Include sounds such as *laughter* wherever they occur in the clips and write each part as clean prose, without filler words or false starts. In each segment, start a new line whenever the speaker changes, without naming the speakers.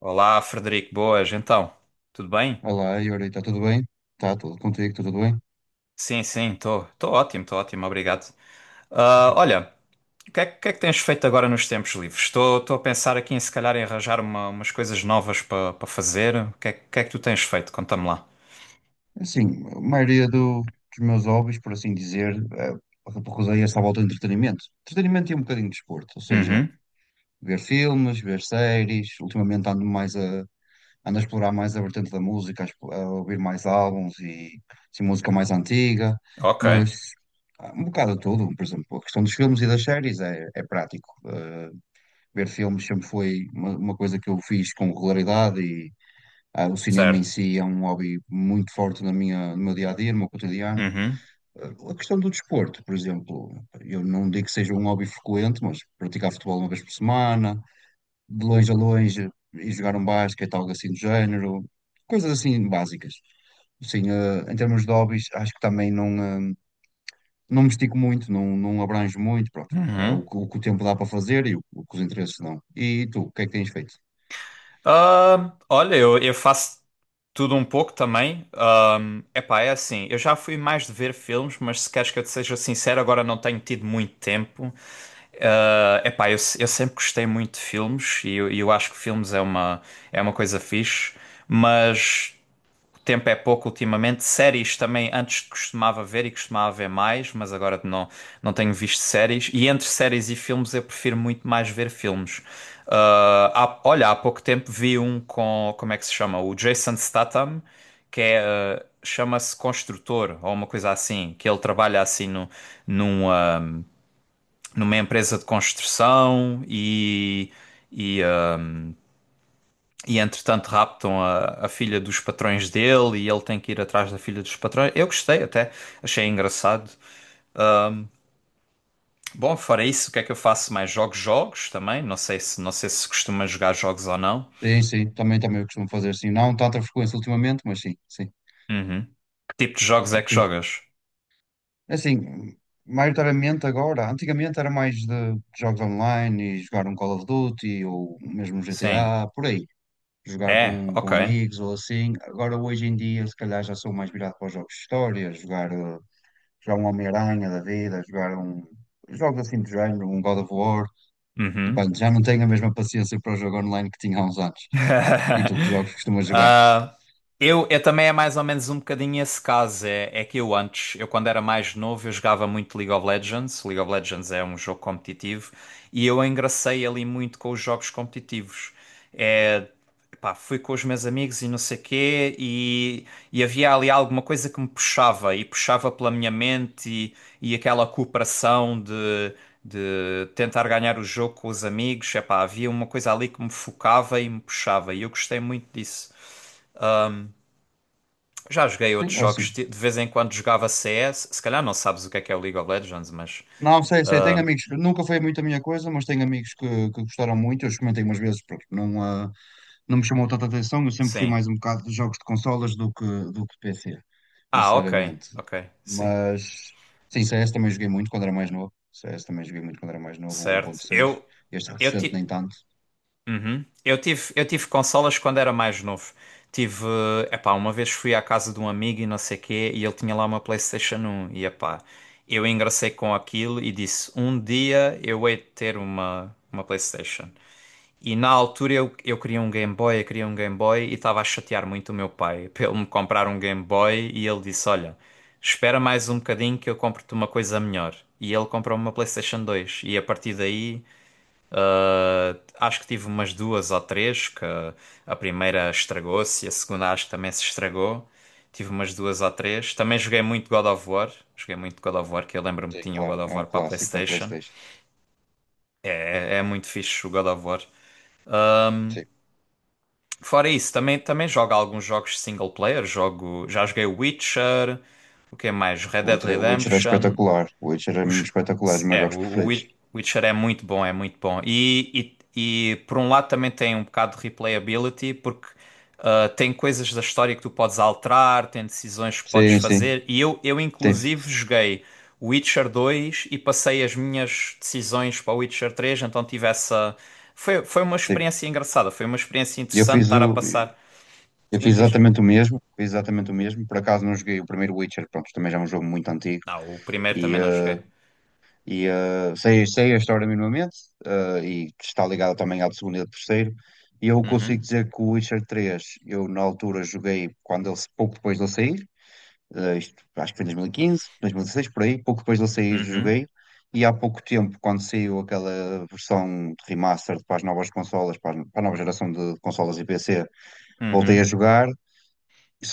Olá, Frederico, boas, então, tudo bem?
Olá, Yuri, está tudo bem? Está tudo contigo, está tudo bem?
Sim, sim, estou ótimo, obrigado. Ah,
Obrigado.
olha, o que é que tens feito agora nos tempos livres? Estou a pensar aqui em se calhar em arranjar umas coisas novas para fazer. O que é que tu tens feito? Conta-me lá.
Assim, a maioria dos meus hobbies, por assim dizer, repousei-se à volta do entretenimento. Entretenimento e um bocadinho de desporto, ou seja,
Uhum,
ver filmes, ver séries. Ultimamente ando a explorar mais a vertente da música, a ouvir mais álbuns e assim, música mais antiga,
ok,
mas há um bocado de tudo. Por exemplo, a questão dos filmes e das séries é prático. Ver filmes sempre foi uma coisa que eu fiz com regularidade. Ah, o cinema em
certo.
si é um hobby muito forte no meu dia a dia, no meu cotidiano.
Uhum,
Ah, a questão do desporto, por exemplo, eu não digo que seja um hobby frequente, mas praticar futebol uma vez por semana, de longe a longe, e jogar um basquete, algo assim do género, coisas assim básicas. Sim, em termos de hobbies, acho que também não, eh, não me estico muito, não, não abranjo muito, pronto. É
uhum.
o, que o que o tempo dá para fazer e o que os interesses dão. E tu, o que é que tens feito?
Ah, olha, eu faço tudo um pouco também. Epá, é assim, eu já fui mais de ver filmes, mas se queres que eu te seja sincero, agora não tenho tido muito tempo. Epá, eu, se- eu sempre gostei muito de filmes e eu acho que filmes é uma coisa fixe, mas o tempo é pouco ultimamente. Séries também, antes costumava ver e costumava ver mais, mas agora não tenho visto séries. E entre séries e filmes eu prefiro muito mais ver filmes. Uh, Olha, há pouco tempo vi um como é que se chama? O Jason Statham, que é, chama-se Construtor ou uma coisa assim, que ele trabalha assim no, num. Ah, numa empresa de construção e, ah, e entretanto raptam a filha dos patrões dele e ele tem que ir atrás da filha dos patrões. Eu gostei até, achei engraçado. Bom, fora isso, o que é que eu faço mais? Jogo jogos também, não sei se costuma jogar jogos ou não.
Sim, sim, também eu costumo fazer, sim, não tanta frequência ultimamente, mas sim, sim.
Uhum. Que tipo de jogos é que
Ok.
jogas?
Assim, maioritariamente agora, antigamente era mais de jogos online e jogar um Call of Duty ou mesmo um
Sim.
GTA, por aí. Jogar
É,
com
ok.
amigos ou assim. Agora, hoje em dia, se calhar já sou mais virado para os jogos de história, jogar um Homem-Aranha da vida, jogar um. Jogos assim de género, um God of War.
Uhum.
Depende, já não tenho a mesma paciência para o jogo online que tinha há uns anos. E tu, que jogos
*laughs*
costumas jogar?
Ah, eu também é mais ou menos um bocadinho esse caso. É que eu quando era mais novo, eu jogava muito League of Legends. League of Legends é um jogo competitivo e eu engracei ali muito com os jogos competitivos. É, pá, fui com os meus amigos e não sei quê, e havia ali alguma coisa que me puxava e puxava pela minha mente e aquela cooperação de. De tentar ganhar o jogo com os amigos, epá, havia uma coisa ali que me focava e me puxava, e eu gostei muito disso. Já joguei
Sim,
outros
é
jogos,
assim.
de vez em quando jogava CS. Se calhar não sabes o que é o League of Legends, mas
Não, sei, tenho amigos, nunca foi muito a minha coisa, mas tenho amigos que gostaram muito, eu experimentei umas vezes, porque não, não me chamou tanta atenção, eu sempre fui
sim.
mais um bocado de jogos de consolas do que de PC,
Ah, ok,
necessariamente.
ok, sim,
Mas, sim, CS também joguei muito quando era mais novo, o um ponto
certo.
seis Este
Eu,
recente
ti...
nem tanto,
Uhum. Eu tive consolas quando era mais novo. Tive, Epá, uma vez fui à casa de um amigo e não sei quê, e ele tinha lá uma PlayStation 1 e epá, eu engracei com aquilo e disse, um dia eu hei de ter uma PlayStation. E na altura eu queria um Game Boy, eu queria um Game Boy e estava a chatear muito o meu pai *laughs* para ele me comprar um Game Boy e ele disse: Olha, espera mais um bocadinho que eu compro-te uma coisa melhor. E ele comprou uma PlayStation 2 e a partir daí acho que tive umas duas ou três, que a primeira estragou-se e a segunda acho que também se estragou. Tive umas duas ou três. Também joguei muito God of War. Joguei muito God of War, que eu lembro-me que
sim,
tinha o
claro,
God
é
of
um
War para a
clássico da
PlayStation.
PlayStation,
É muito fixe o God of War.
sim.
Fora isso, também, jogo alguns jogos single player. Já joguei Witcher, o que é mais? Red Dead
O Witcher é
Redemption.
espetacular, o Witcher é mesmo
Os-
espetacular, os meus
é, o
jogos
o
preferidos.
Wi- Witcher é muito bom, é muito bom. E por um lado também tem um bocado de replayability, porque tem coisas da história que tu podes alterar, tem decisões que podes
Sim, sim,
fazer. E eu
tem,
inclusive joguei Witcher 2 e passei as minhas decisões para o Witcher 3 então tive essa. Foi uma
sim.
experiência engraçada, foi uma experiência
Eu
interessante
fiz
estar a
o,
passar.
Eu
Sim,
fiz
diz?
exatamente o mesmo, fiz exatamente o mesmo. Por acaso não joguei o primeiro Witcher, pronto, também já é um jogo muito antigo.
Não, o primeiro
E,
também não
eh,
joguei.
sei a história minimamente, e que está ligada também ao do segundo e ao do terceiro. E eu consigo
Uhum,
dizer que o Witcher 3, eu na altura joguei quando ele, pouco depois de ele sair, isto, acho que foi em 2015, 2016 por aí, pouco depois de ele sair
uhum,
joguei. E há pouco tempo, quando saiu aquela versão de remaster para as novas consolas, para a nova geração de consolas e PC, voltei a
uhum.
jogar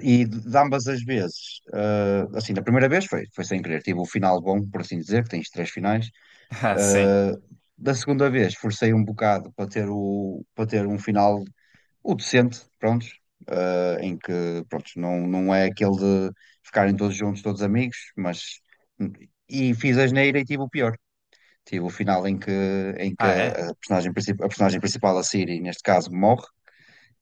e de ambas as vezes, assim, da primeira vez foi sem querer, tive o final bom, por assim dizer, que tens três finais.
*laughs* Ah, sim.
Eh, Da segunda vez, forcei um bocado para ter um final o decente, prontos, em que, prontos, não, não é aquele de ficarem todos juntos, todos amigos, mas. E fiz a asneira e tive o pior. Tive o final em que
Ah, é?
a personagem principal, a Siri, neste caso, morre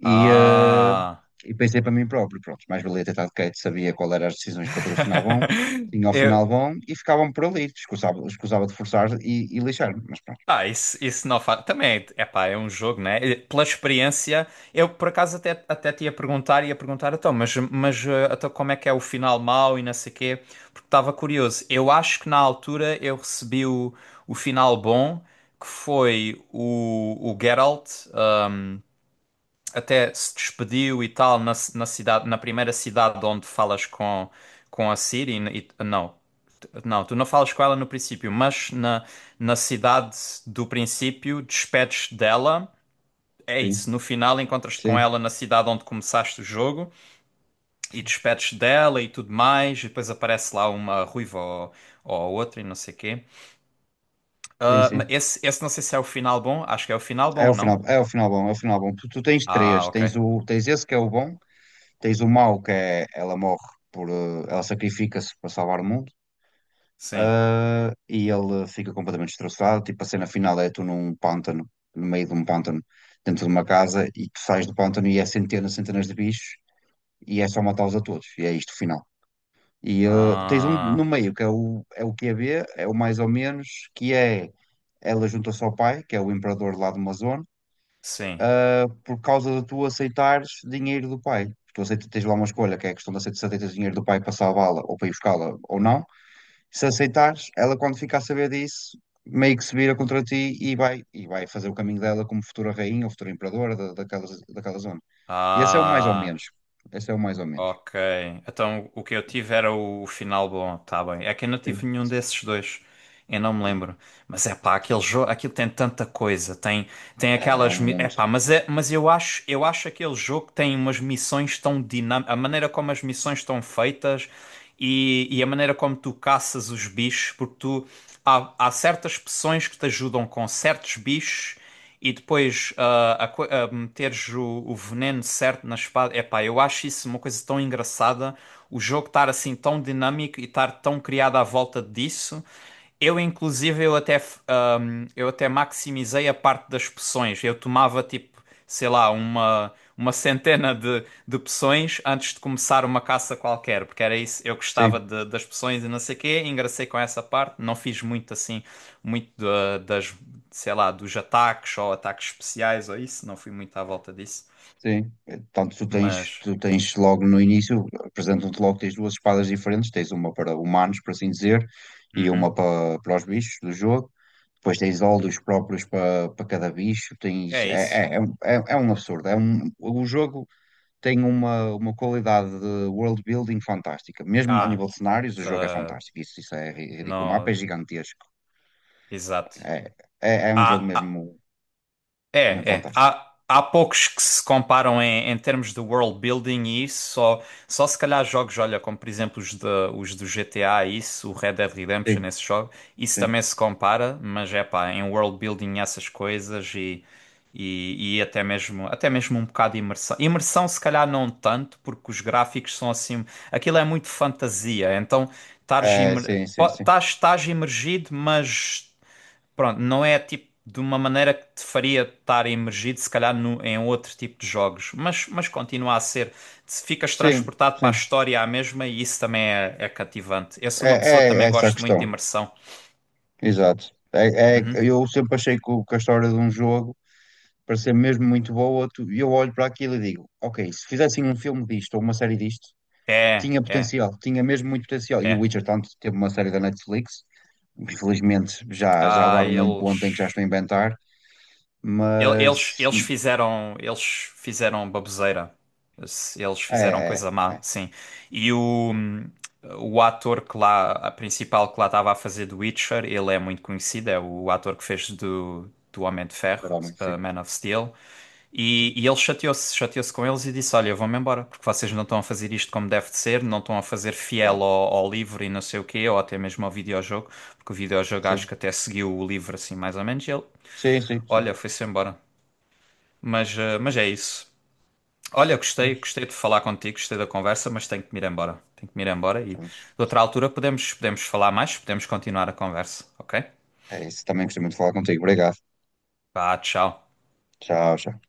e, eh,
Ah.
e pensei para mim próprio, pronto, mais valia ter estado quieto, sabia qual eram as decisões para ter o final bom,
*laughs*
tinha o
Eu...
final bom e ficavam por ali, escusava, escusava de forçar e lixar-me, mas pronto,
Ah, isso não faz. Também, é pá, é um jogo, né? E pela experiência, eu por acaso até te ia perguntar, então, mas então, como é que é o final mau e não sei quê? Porque estava curioso. Eu acho que na altura eu recebi o final bom, que foi o Geralt eh, até se despediu e tal na cidade, na primeira cidade onde falas com a Ciri, não. Não, tu não falas com ela no princípio, mas na cidade do princípio, despedes dela. É
sim,
isso, no final encontras-te com
sim,
ela na cidade onde começaste o jogo e
sim,
despedes dela e tudo mais, e depois aparece lá uma ruiva ou outra e não sei o quê.
sim,
Ah, mas
sim.
esse não sei se é o final bom, acho que é o final bom, não?
É o final bom, é o final bom. Tu tens três,
Ah, ok.
tens o, tens esse que é o bom, tens o mau que é, ela morre por, ela sacrifica-se para salvar o mundo.
Sim.
Ah, e ele fica completamente destroçado. Tipo, a cena final é tu num pântano, no meio de um pântano, dentro de uma casa, e tu sais do pântano e é centenas, centenas de bichos, e é só matá-los a todos. E é isto o final. E, ah, tens um no
Ah,
meio, que é o QB, é o mais ou menos, que é ela junta-se ao pai, que é o imperador lá de uma zona,
sim.
por causa de tu aceitares dinheiro do pai. Tu aceitas, tens lá uma escolha, que é a questão de aceitar dinheiro do pai para salvá-la ou para ir buscá-la ou não. Se aceitares, ela quando ficar a saber disso, meio que se vira contra ti e vai, fazer o caminho dela como futura rainha ou futura imperadora daquela zona. E esse é o mais ou
Ah.
menos. Esse é o mais ou menos.
Ok. Então o que eu tive era o final bom, tá bem. É que eu não tive
Sim.
nenhum desses dois. Eu não me
E-
lembro. Mas é pá, aquele
sim.
jogo, aquilo tem tanta coisa. Tem
É, é um
aquelas. É
mundo.
pá, mas eu acho aquele jogo que tem umas missões tão dinâmicas. A maneira como as missões estão feitas e a maneira como tu caças os bichos, porque há certas poções que te ajudam com certos bichos e depois a meteres o veneno certo na espada. Epá, eu acho isso uma coisa tão engraçada. O jogo estar assim tão dinâmico e estar tão criado à volta disso. Eu, inclusive, eu até maximizei a parte das poções. Eu tomava, tipo, sei lá, uma centena de poções antes de começar uma caça qualquer, porque era isso. Eu gostava
Sim,
das poções e não sei o quê, engracei com essa parte. Não fiz muito, assim, muito das, sei lá, dos ataques ou ataques especiais ou isso. Não fui muito à volta disso.
sim. Tanto tu tens,
Mas,
tu tens logo no início, apresentam-te logo, tens duas espadas diferentes, tens uma para humanos, por assim dizer, e
uhum,
uma para os bichos do jogo. Depois tens óleos próprios para cada bicho, tens,
é isso.
é, é é um absurdo, o jogo tem uma qualidade de world building fantástica. Mesmo a
Ah,
nível de cenários, o jogo é
ah,
fantástico. Isso é ridículo. O mapa é
não,
gigantesco.
exato.
É, é um jogo
Ah, ah,
mesmo, mesmo
é, é.
fantástico.
Há poucos que se comparam em termos de world building e isso, só se calhar jogos, olha, como por exemplo os do GTA, e isso, o Red Dead Redemption,
Sim,
esse jogo, isso
sim.
também se compara, mas é pá, em world building essas coisas e até mesmo um bocado de imersão. Imersão se calhar não tanto, porque os gráficos são assim, aquilo é muito fantasia, então
Sim, sim, sim.
estás imergido, mas pronto, não é tipo de uma maneira que te faria estar imergido, se calhar, em outro tipo de jogos, mas continua a ser. Se ficas
Sim,
transportado para a
sim.
história à mesma e isso também é cativante. Eu sou
É,
uma pessoa que
é
também
essa a
gosto muito de
questão.
imersão.
Exato.
Uhum.
Eu sempre achei que a história de um jogo, para ser mesmo muito boa, eu olho para aquilo e digo, ok, se fizessem um filme disto ou uma série disto,
É,
tinha
é,
potencial, tinha mesmo muito potencial. E o
é.
Witcher, tanto, teve uma série da Netflix, infelizmente já
Ah,
levaram a um ponto em que já
eles.
estou a inventar,
Ele- Eles,
mas
eles fizeram baboseira. Eles
é,
fizeram
é,
coisa má,
é,
sim. E o ator que lá, a principal que lá estava a fazer do Witcher, ele é muito conhecido, é o ator que fez do Homem de Ferro,
para homem, sim,
Man of Steel. E,
sim,
e ele chateou-se com eles e disse: Olha, eu vou-me embora, porque vocês não estão a fazer isto como deve de ser, não estão a fazer
claro,
fiel ao livro e não sei o quê, ou até mesmo ao videojogo, porque o videojogo acho
sim,
que até seguiu o livro assim mais ou menos. E ele,
sim, sim,
olha,
sim.
foi-se embora. Mas é isso. Olha, gostei de falar contigo, gostei da conversa, mas tenho que me ir embora. Tenho que me ir embora e de
Juntos.
outra altura podemos falar mais, podemos continuar a conversa, ok?
É isso, também gostei muito de falar contigo, obrigado,
Vá, tchau.
tchau, tchau.